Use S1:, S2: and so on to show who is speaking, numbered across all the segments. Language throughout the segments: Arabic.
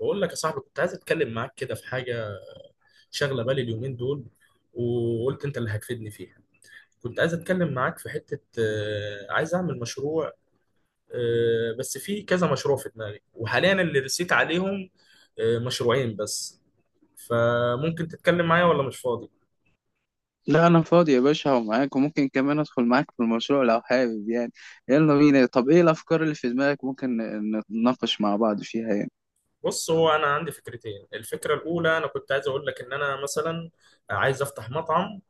S1: بقول لك يا صاحبي، كنت عايز اتكلم معاك كده في حاجه شاغله بالي اليومين دول، وقلت انت اللي هتفيدني فيها. كنت عايز اتكلم معاك في حته عايز اعمل مشروع. بس في كذا مشروع في دماغي، وحاليا اللي رسيت عليهم مشروعين بس. فممكن تتكلم معايا ولا مش فاضي؟
S2: لا انا فاضي يا باشا ومعاك، وممكن كمان ادخل معاك في المشروع لو حابب يعني. يلا بينا. طب ايه الافكار اللي في دماغك ممكن نتناقش مع بعض فيها يعني؟
S1: بص، هو انا عندي فكرتين. الفكره الاولى انا كنت عايز اقول لك ان انا مثلا عايز افتح مطعم.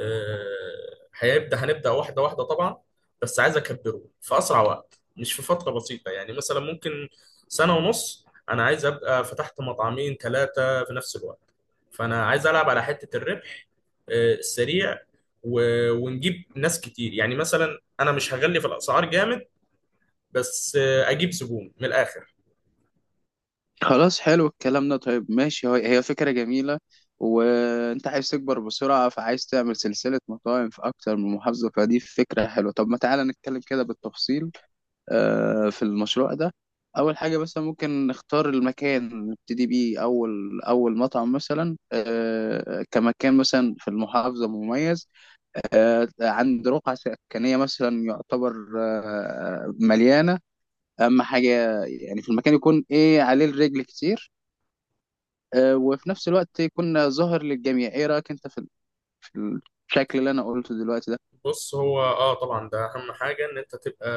S1: آه، هيبدا هنبدا واحده واحده طبعا، بس عايز اكبره في اسرع وقت، مش في فتره بسيطه. يعني مثلا ممكن سنه ونص انا عايز ابقى فتحت مطعمين ثلاثه في نفس الوقت. فانا عايز العب على حته الربح السريع، و- ونجيب ناس كتير. يعني مثلا انا مش هغلي في الاسعار جامد، بس اجيب زبون من الاخر.
S2: خلاص، حلو الكلام ده. طيب ماشي، هي فكرة جميلة. وانت عايز تكبر بسرعة، فعايز تعمل سلسلة مطاعم في اكتر من محافظة، فدي فكرة حلوة. طب ما تعالى نتكلم كده بالتفصيل في المشروع ده. اول حاجة مثلا ممكن نختار المكان نبتدي بيه اول اول مطعم، مثلا كمكان مثلا في المحافظة مميز، عند رقعة سكنية مثلا يعتبر مليانة. أهم حاجة يعني في المكان يكون إيه؟ عليه الرجل كتير، وفي نفس الوقت يكون ظاهر للجميع. إيه رأيك أنت في في الشكل اللي أنا قلته دلوقتي ده؟
S1: بص هو اه طبعا ده اهم حاجه، ان انت تبقى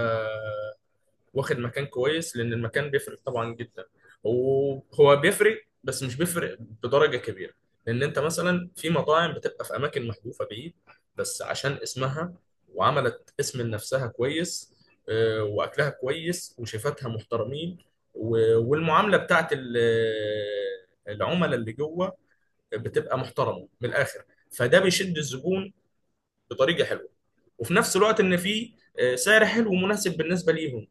S1: واخد مكان كويس، لان المكان بيفرق طبعا جدا. وهو بيفرق بس مش بيفرق بدرجه كبيره، لان انت مثلا في مطاعم بتبقى في اماكن محذوفه بعيد، بس عشان اسمها وعملت اسم لنفسها كويس، واكلها كويس وشيفاتها محترمين، و- والمعامله بتاعت العملاء اللي جوه بتبقى محترمه من الاخر. فده بيشد الزبون بطريقه حلوه، وفي نفس الوقت ان في سعر حلو ومناسب بالنسبه ليهم.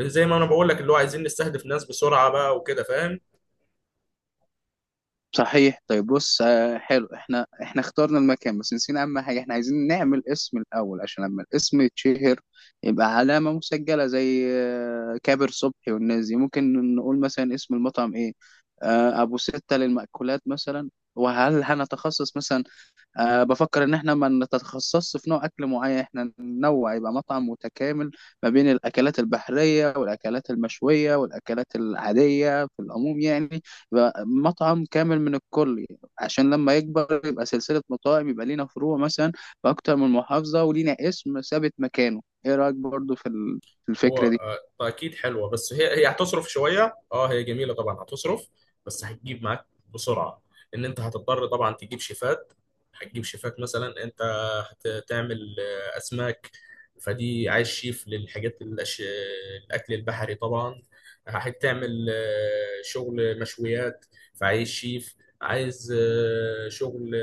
S1: زي ما انا بقول لك، اللي هو عايزين نستهدف ناس بسرعه بقى وكده، فاهم.
S2: صحيح. طيب بص، حلو. احنا اخترنا المكان، بس نسينا اهم حاجه. احنا عايزين نعمل اسم الاول، عشان لما الاسم يتشهر يبقى علامه مسجله زي كابر صبحي والناس دي. ممكن نقول مثلا اسم المطعم ايه؟ ابو سته للمأكولات مثلا. وهل هنتخصص مثلا؟ أه، بفكر إن إحنا ما نتخصصش في نوع أكل معين. إحنا ننوع، يبقى مطعم متكامل ما بين الأكلات البحرية والأكلات المشوية والأكلات العادية في العموم يعني. يبقى مطعم كامل من الكل، عشان لما يكبر يبقى سلسلة مطاعم، يبقى لينا فروع مثلا في أكتر من محافظة، ولينا اسم ثابت مكانه. إيه رأيك برضو في في
S1: هو
S2: الفكرة دي؟
S1: اكيد حلوه، بس هي هتصرف شويه. اه هي جميله طبعا، هتصرف بس هتجيب معاك بسرعه. ان انت هتضطر طبعا تجيب شيفات. هتجيب شيفات، مثلا انت هتعمل اسماك، فدي عايز شيف للحاجات الاكل البحري طبعا. هتعمل شغل مشويات، فعايز شيف. عايز شغل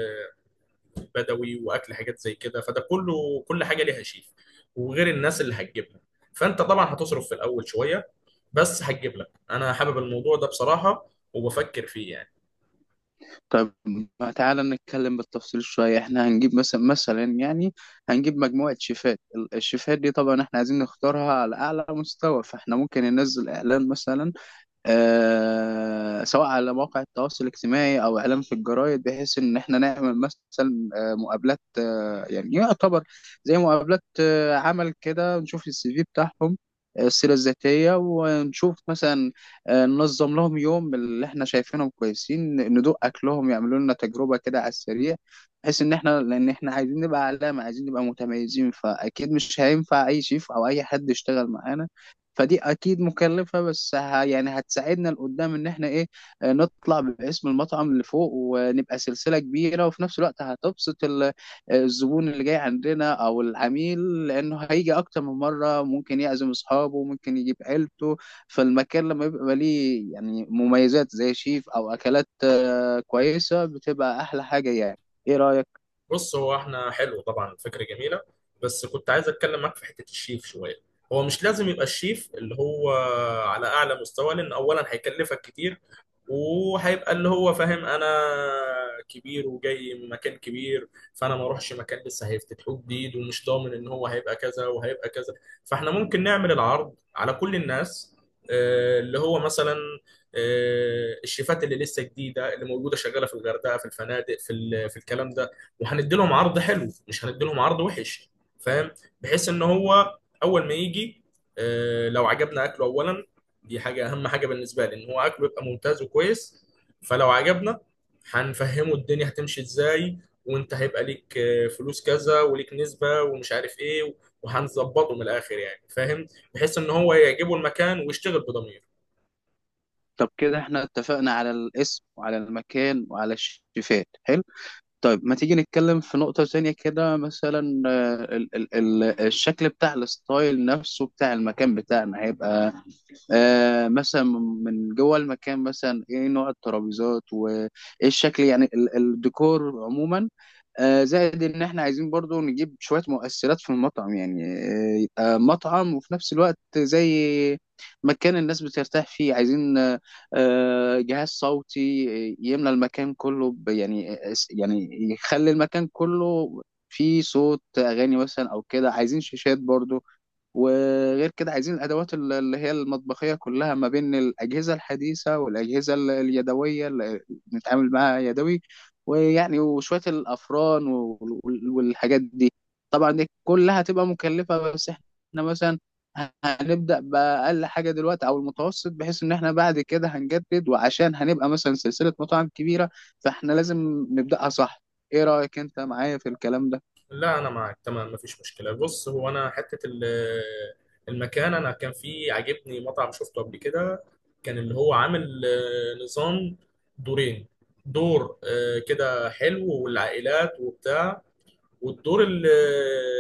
S1: بدوي واكل حاجات زي كده، فده كله كل حاجه ليها شيف، وغير الناس اللي هتجيبها. فانت طبعا هتصرف في الاول شويه، بس هتجيب لك. انا حابب الموضوع ده بصراحه وبفكر فيه يعني.
S2: طب ما تعالى نتكلم بالتفصيل شوية. احنا هنجيب مثلا يعني هنجيب مجموعة شيفات. الشيفات دي طبعا احنا عايزين نختارها على أعلى مستوى، فاحنا ممكن ننزل إعلان مثلا، سواء على مواقع التواصل الاجتماعي او اعلام في الجرايد، بحيث ان احنا نعمل مثلا مقابلات، يعني يعتبر زي مقابلات عمل كده، نشوف السي في بتاعهم، السيره الذاتيه، ونشوف مثلا ننظم لهم يوم اللي احنا شايفينهم كويسين ندوق اكلهم، يعملوا لنا تجربه كده على السريع. بحيث ان احنا، لان احنا عايزين نبقى علامه، عايزين نبقى متميزين، فاكيد مش هينفع اي شيف او اي حد يشتغل معانا. فدي اكيد مكلفه، بس يعني هتساعدنا لقدام ان احنا ايه، نطلع باسم المطعم لفوق ونبقى سلسله كبيره. وفي نفس الوقت هتبسط الزبون اللي جاي عندنا او العميل، لانه هيجي اكتر من مره، ممكن يعزم اصحابه، ممكن يجيب عيلته. فالمكان لما يبقى ليه يعني مميزات زي شيف او اكلات كويسه، بتبقى احلى حاجه يعني. ايه رايك؟
S1: بص هو احنا، حلو طبعا، فكره جميله، بس كنت عايز اتكلم معاك في حته الشيف شويه. هو مش لازم يبقى الشيف اللي هو على اعلى مستوى، لان اولا هيكلفك كتير، وهيبقى اللي هو فاهم انا كبير وجاي من مكان كبير، فانا ما اروحش مكان لسه هيفتتحوه جديد ومش ضامن ان هو هيبقى كذا وهيبقى كذا. فاحنا ممكن نعمل العرض على كل الناس، اللي هو مثلا الشيفات اللي لسه جديده، اللي موجوده شغاله في الغردقه، في الفنادق، في في الكلام ده. وهندي لهم عرض حلو، مش هندي لهم عرض وحش، فاهم. بحيث ان هو اول ما يجي لو عجبنا اكله اولا، دي حاجة، أهم حاجة بالنسبة لي إن هو أكله يبقى ممتاز وكويس. فلو عجبنا، هنفهمه الدنيا هتمشي إزاي، وأنت هيبقى ليك فلوس كذا وليك نسبة ومش عارف إيه، وهنظبطه من الآخر يعني، فاهم. بحيث إن هو يعجبه المكان ويشتغل بضمير.
S2: طب كده احنا اتفقنا على الاسم وعلى المكان وعلى الشيفات، حلو. طيب ما تيجي نتكلم في نقطة ثانية كده، مثلا آه، ال ال ال الشكل بتاع الستايل نفسه بتاع المكان بتاعنا هيبقى آه مثلا من جوه المكان مثلا ايه نوع الترابيزات، وايه الشكل يعني، الديكور عموما. آه، زائد ان احنا عايزين برضو نجيب شوية مؤثرات في المطعم يعني، آه، يبقى مطعم وفي نفس الوقت زي مكان الناس بترتاح فيه. عايزين آه، جهاز صوتي يملى المكان كله يعني يخلي المكان كله فيه صوت اغاني مثلا او كده. عايزين شاشات برضو. وغير كده عايزين الادوات اللي هي المطبخيه كلها، ما بين الاجهزه الحديثه والاجهزه اليدويه اللي بنتعامل معاها يدوي. ويعني وشويه الافران والحاجات دي. طبعا دي كلها هتبقى مكلفه، بس احنا مثلا هنبدا باقل حاجه دلوقتي او المتوسط، بحيث ان احنا بعد كده هنجدد، وعشان هنبقى مثلا سلسله مطاعم كبيره فاحنا لازم نبداها صح. ايه رايك انت معايا في الكلام
S1: لا، أنا معاك تمام، مفيش مشكلة. بص هو أنا حتة المكان، أنا كان في عاجبني مطعم شفته قبل كده، كان اللي هو عامل نظام دورين. دور كده حلو والعائلات وبتاع، والدور اللي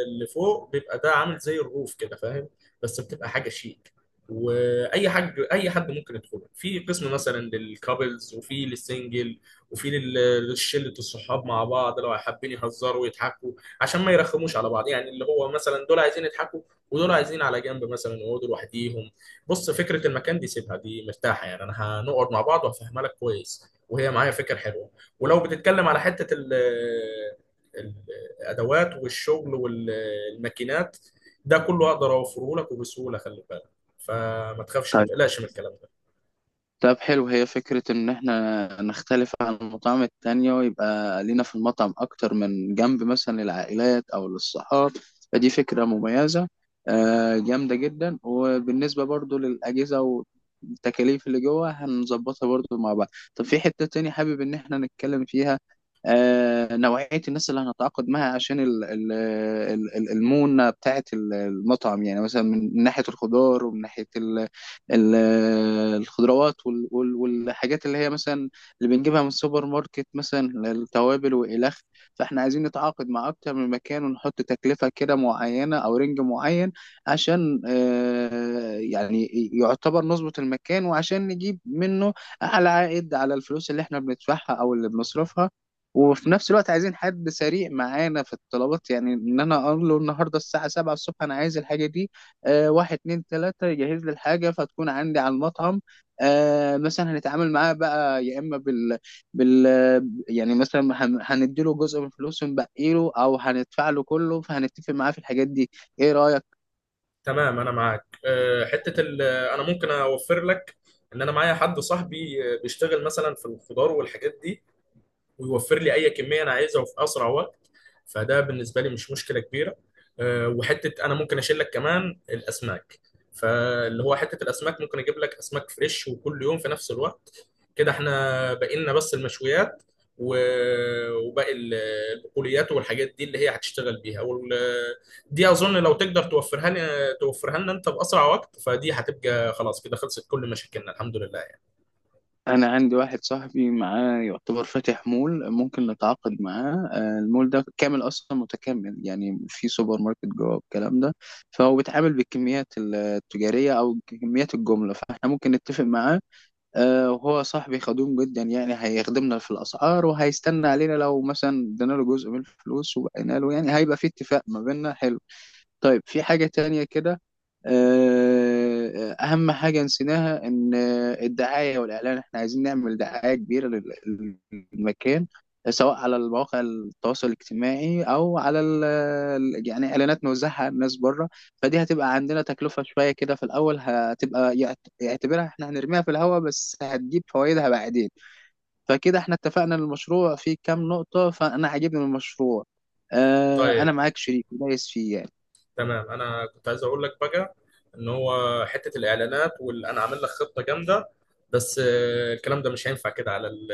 S1: اللي فوق بيبقى ده عامل زي الروف كده، فاهم. بس بتبقى حاجه شيك، واي حاج اي حد ممكن يدخله في قسم، مثلا للكابلز، وفي للسنجل، وفي للشله الصحاب مع بعض لو حابين يهزروا ويضحكوا، عشان ما يرخموش على بعض. يعني اللي هو مثلا دول عايزين يضحكوا ودول عايزين على جنب مثلا يقعدوا لوحديهم. بص فكره المكان دي سيبها، دي مرتاحه يعني، انا هنقعد مع بعض وهفهمها لك كويس، وهي معايا فكره حلوه. ولو بتتكلم على حته ال- الادوات والشغل والماكينات، ده كله اقدر اوفره لك وبسهوله، خلي بالك. فما تخافش ما
S2: ده؟
S1: تقلقش من الكلام ده.
S2: طب حلو، هي فكرة إن إحنا نختلف عن المطاعم التانية، ويبقى لينا في المطعم أكتر من جنب، مثلا للعائلات أو للصحاب. فدي فكرة مميزة جامدة جدا. وبالنسبة برضو للأجهزة والتكاليف اللي جوه هنظبطها برضو مع بعض. طب في حتة تانية حابب إن إحنا نتكلم فيها، نوعية الناس اللي هنتعاقد معها عشان المونة بتاعة المطعم يعني، مثلا من ناحية الخضار، ومن ناحية ال- الخضروات والحاجات اللي هي مثلا اللي بنجيبها من السوبر ماركت، مثلا التوابل والخ. فاحنا عايزين نتعاقد مع اكتر من مكان، ونحط تكلفة كده معينة او رينج معين عشان يعني يعتبر نظبط المكان، وعشان نجيب منه اعلى عائد على الفلوس اللي احنا بندفعها او اللي بنصرفها. وفي نفس الوقت عايزين حد سريع معانا في الطلبات، يعني ان انا اقول له النهارده الساعه 7 الصبح انا عايز الحاجه دي، آه، واحد اتنين تلاتة يجهز لي الحاجة فتكون عندي على المطعم. آه، مثلا هنتعامل معاه بقى يا إما بال يعني، مثلا هنديله جزء من فلوسه ونبقي له، أو هندفع له كله، فهنتفق معاه في الحاجات دي. إيه رأيك؟
S1: تمام انا معاك. حته انا ممكن اوفر لك ان انا معايا حد صاحبي بيشتغل مثلا في الخضار والحاجات دي، ويوفر لي اي كميه انا عايزها وفي اسرع وقت، فده بالنسبه لي مش مشكله كبيره. وحته انا ممكن اشيل لك كمان الاسماك، فاللي هو حته الاسماك ممكن اجيب لك اسماك فريش وكل يوم في نفس الوقت. كده احنا بقينا بس المشويات و- وباقي البقوليات والحاجات دي اللي هي هتشتغل بيها دي اظن لو تقدر توفرها لي، توفرها لنا انت باسرع وقت، فدي هتبقى خلاص، كده خلصت كل مشاكلنا الحمد لله يعني.
S2: أنا عندي واحد صاحبي معاه، يعتبر فاتح مول، ممكن نتعاقد معاه. المول ده كامل أصلا متكامل، يعني في سوبر ماركت جوه الكلام ده، فهو بيتعامل بالكميات التجارية أو كميات الجملة، فإحنا ممكن نتفق معاه. وهو صاحبي خدوم جدا، يعني هيخدمنا في الأسعار، وهيستنى علينا لو مثلا ادينا له جزء من الفلوس وبقينا له، يعني هيبقى في اتفاق ما بيننا حلو. طيب في حاجة تانية كده، أهم حاجة نسيناها، إن الدعاية والإعلان، إحنا عايزين نعمل دعاية كبيرة للمكان، سواء على المواقع التواصل الاجتماعي أو على يعني إعلانات نوزعها على الناس بره. فدي هتبقى عندنا تكلفة شوية كده في الأول، هتبقى يعتبرها إحنا هنرميها في الهواء، بس هتجيب فوائدها بعدين. فكده إحنا اتفقنا إن المشروع فيه كام نقطة، فأنا عاجبني المشروع.
S1: طيب
S2: أنا معاك شريك دايس فيه يعني.
S1: تمام، انا كنت عايز اقول لك بقى ان هو حته الاعلانات، وانا عامل لك خطه جامده، بس الكلام ده مش هينفع كده على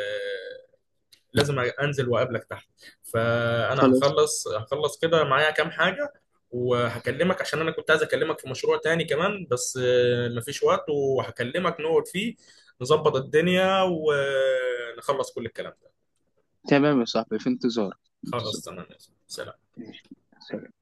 S1: لازم انزل واقابلك تحت. فانا
S2: خلاص
S1: هخلص كده معايا كام حاجه وهكلمك، عشان انا كنت عايز اكلمك في مشروع تاني كمان، بس مفيش وقت. وهكلمك نقعد فيه نظبط الدنيا ونخلص كل الكلام ده.
S2: تمام يا صاحبي، في انتظارك في
S1: خلاص
S2: انتظارك.
S1: تمام يا زلمة. سلام
S2: ماشي. سلام.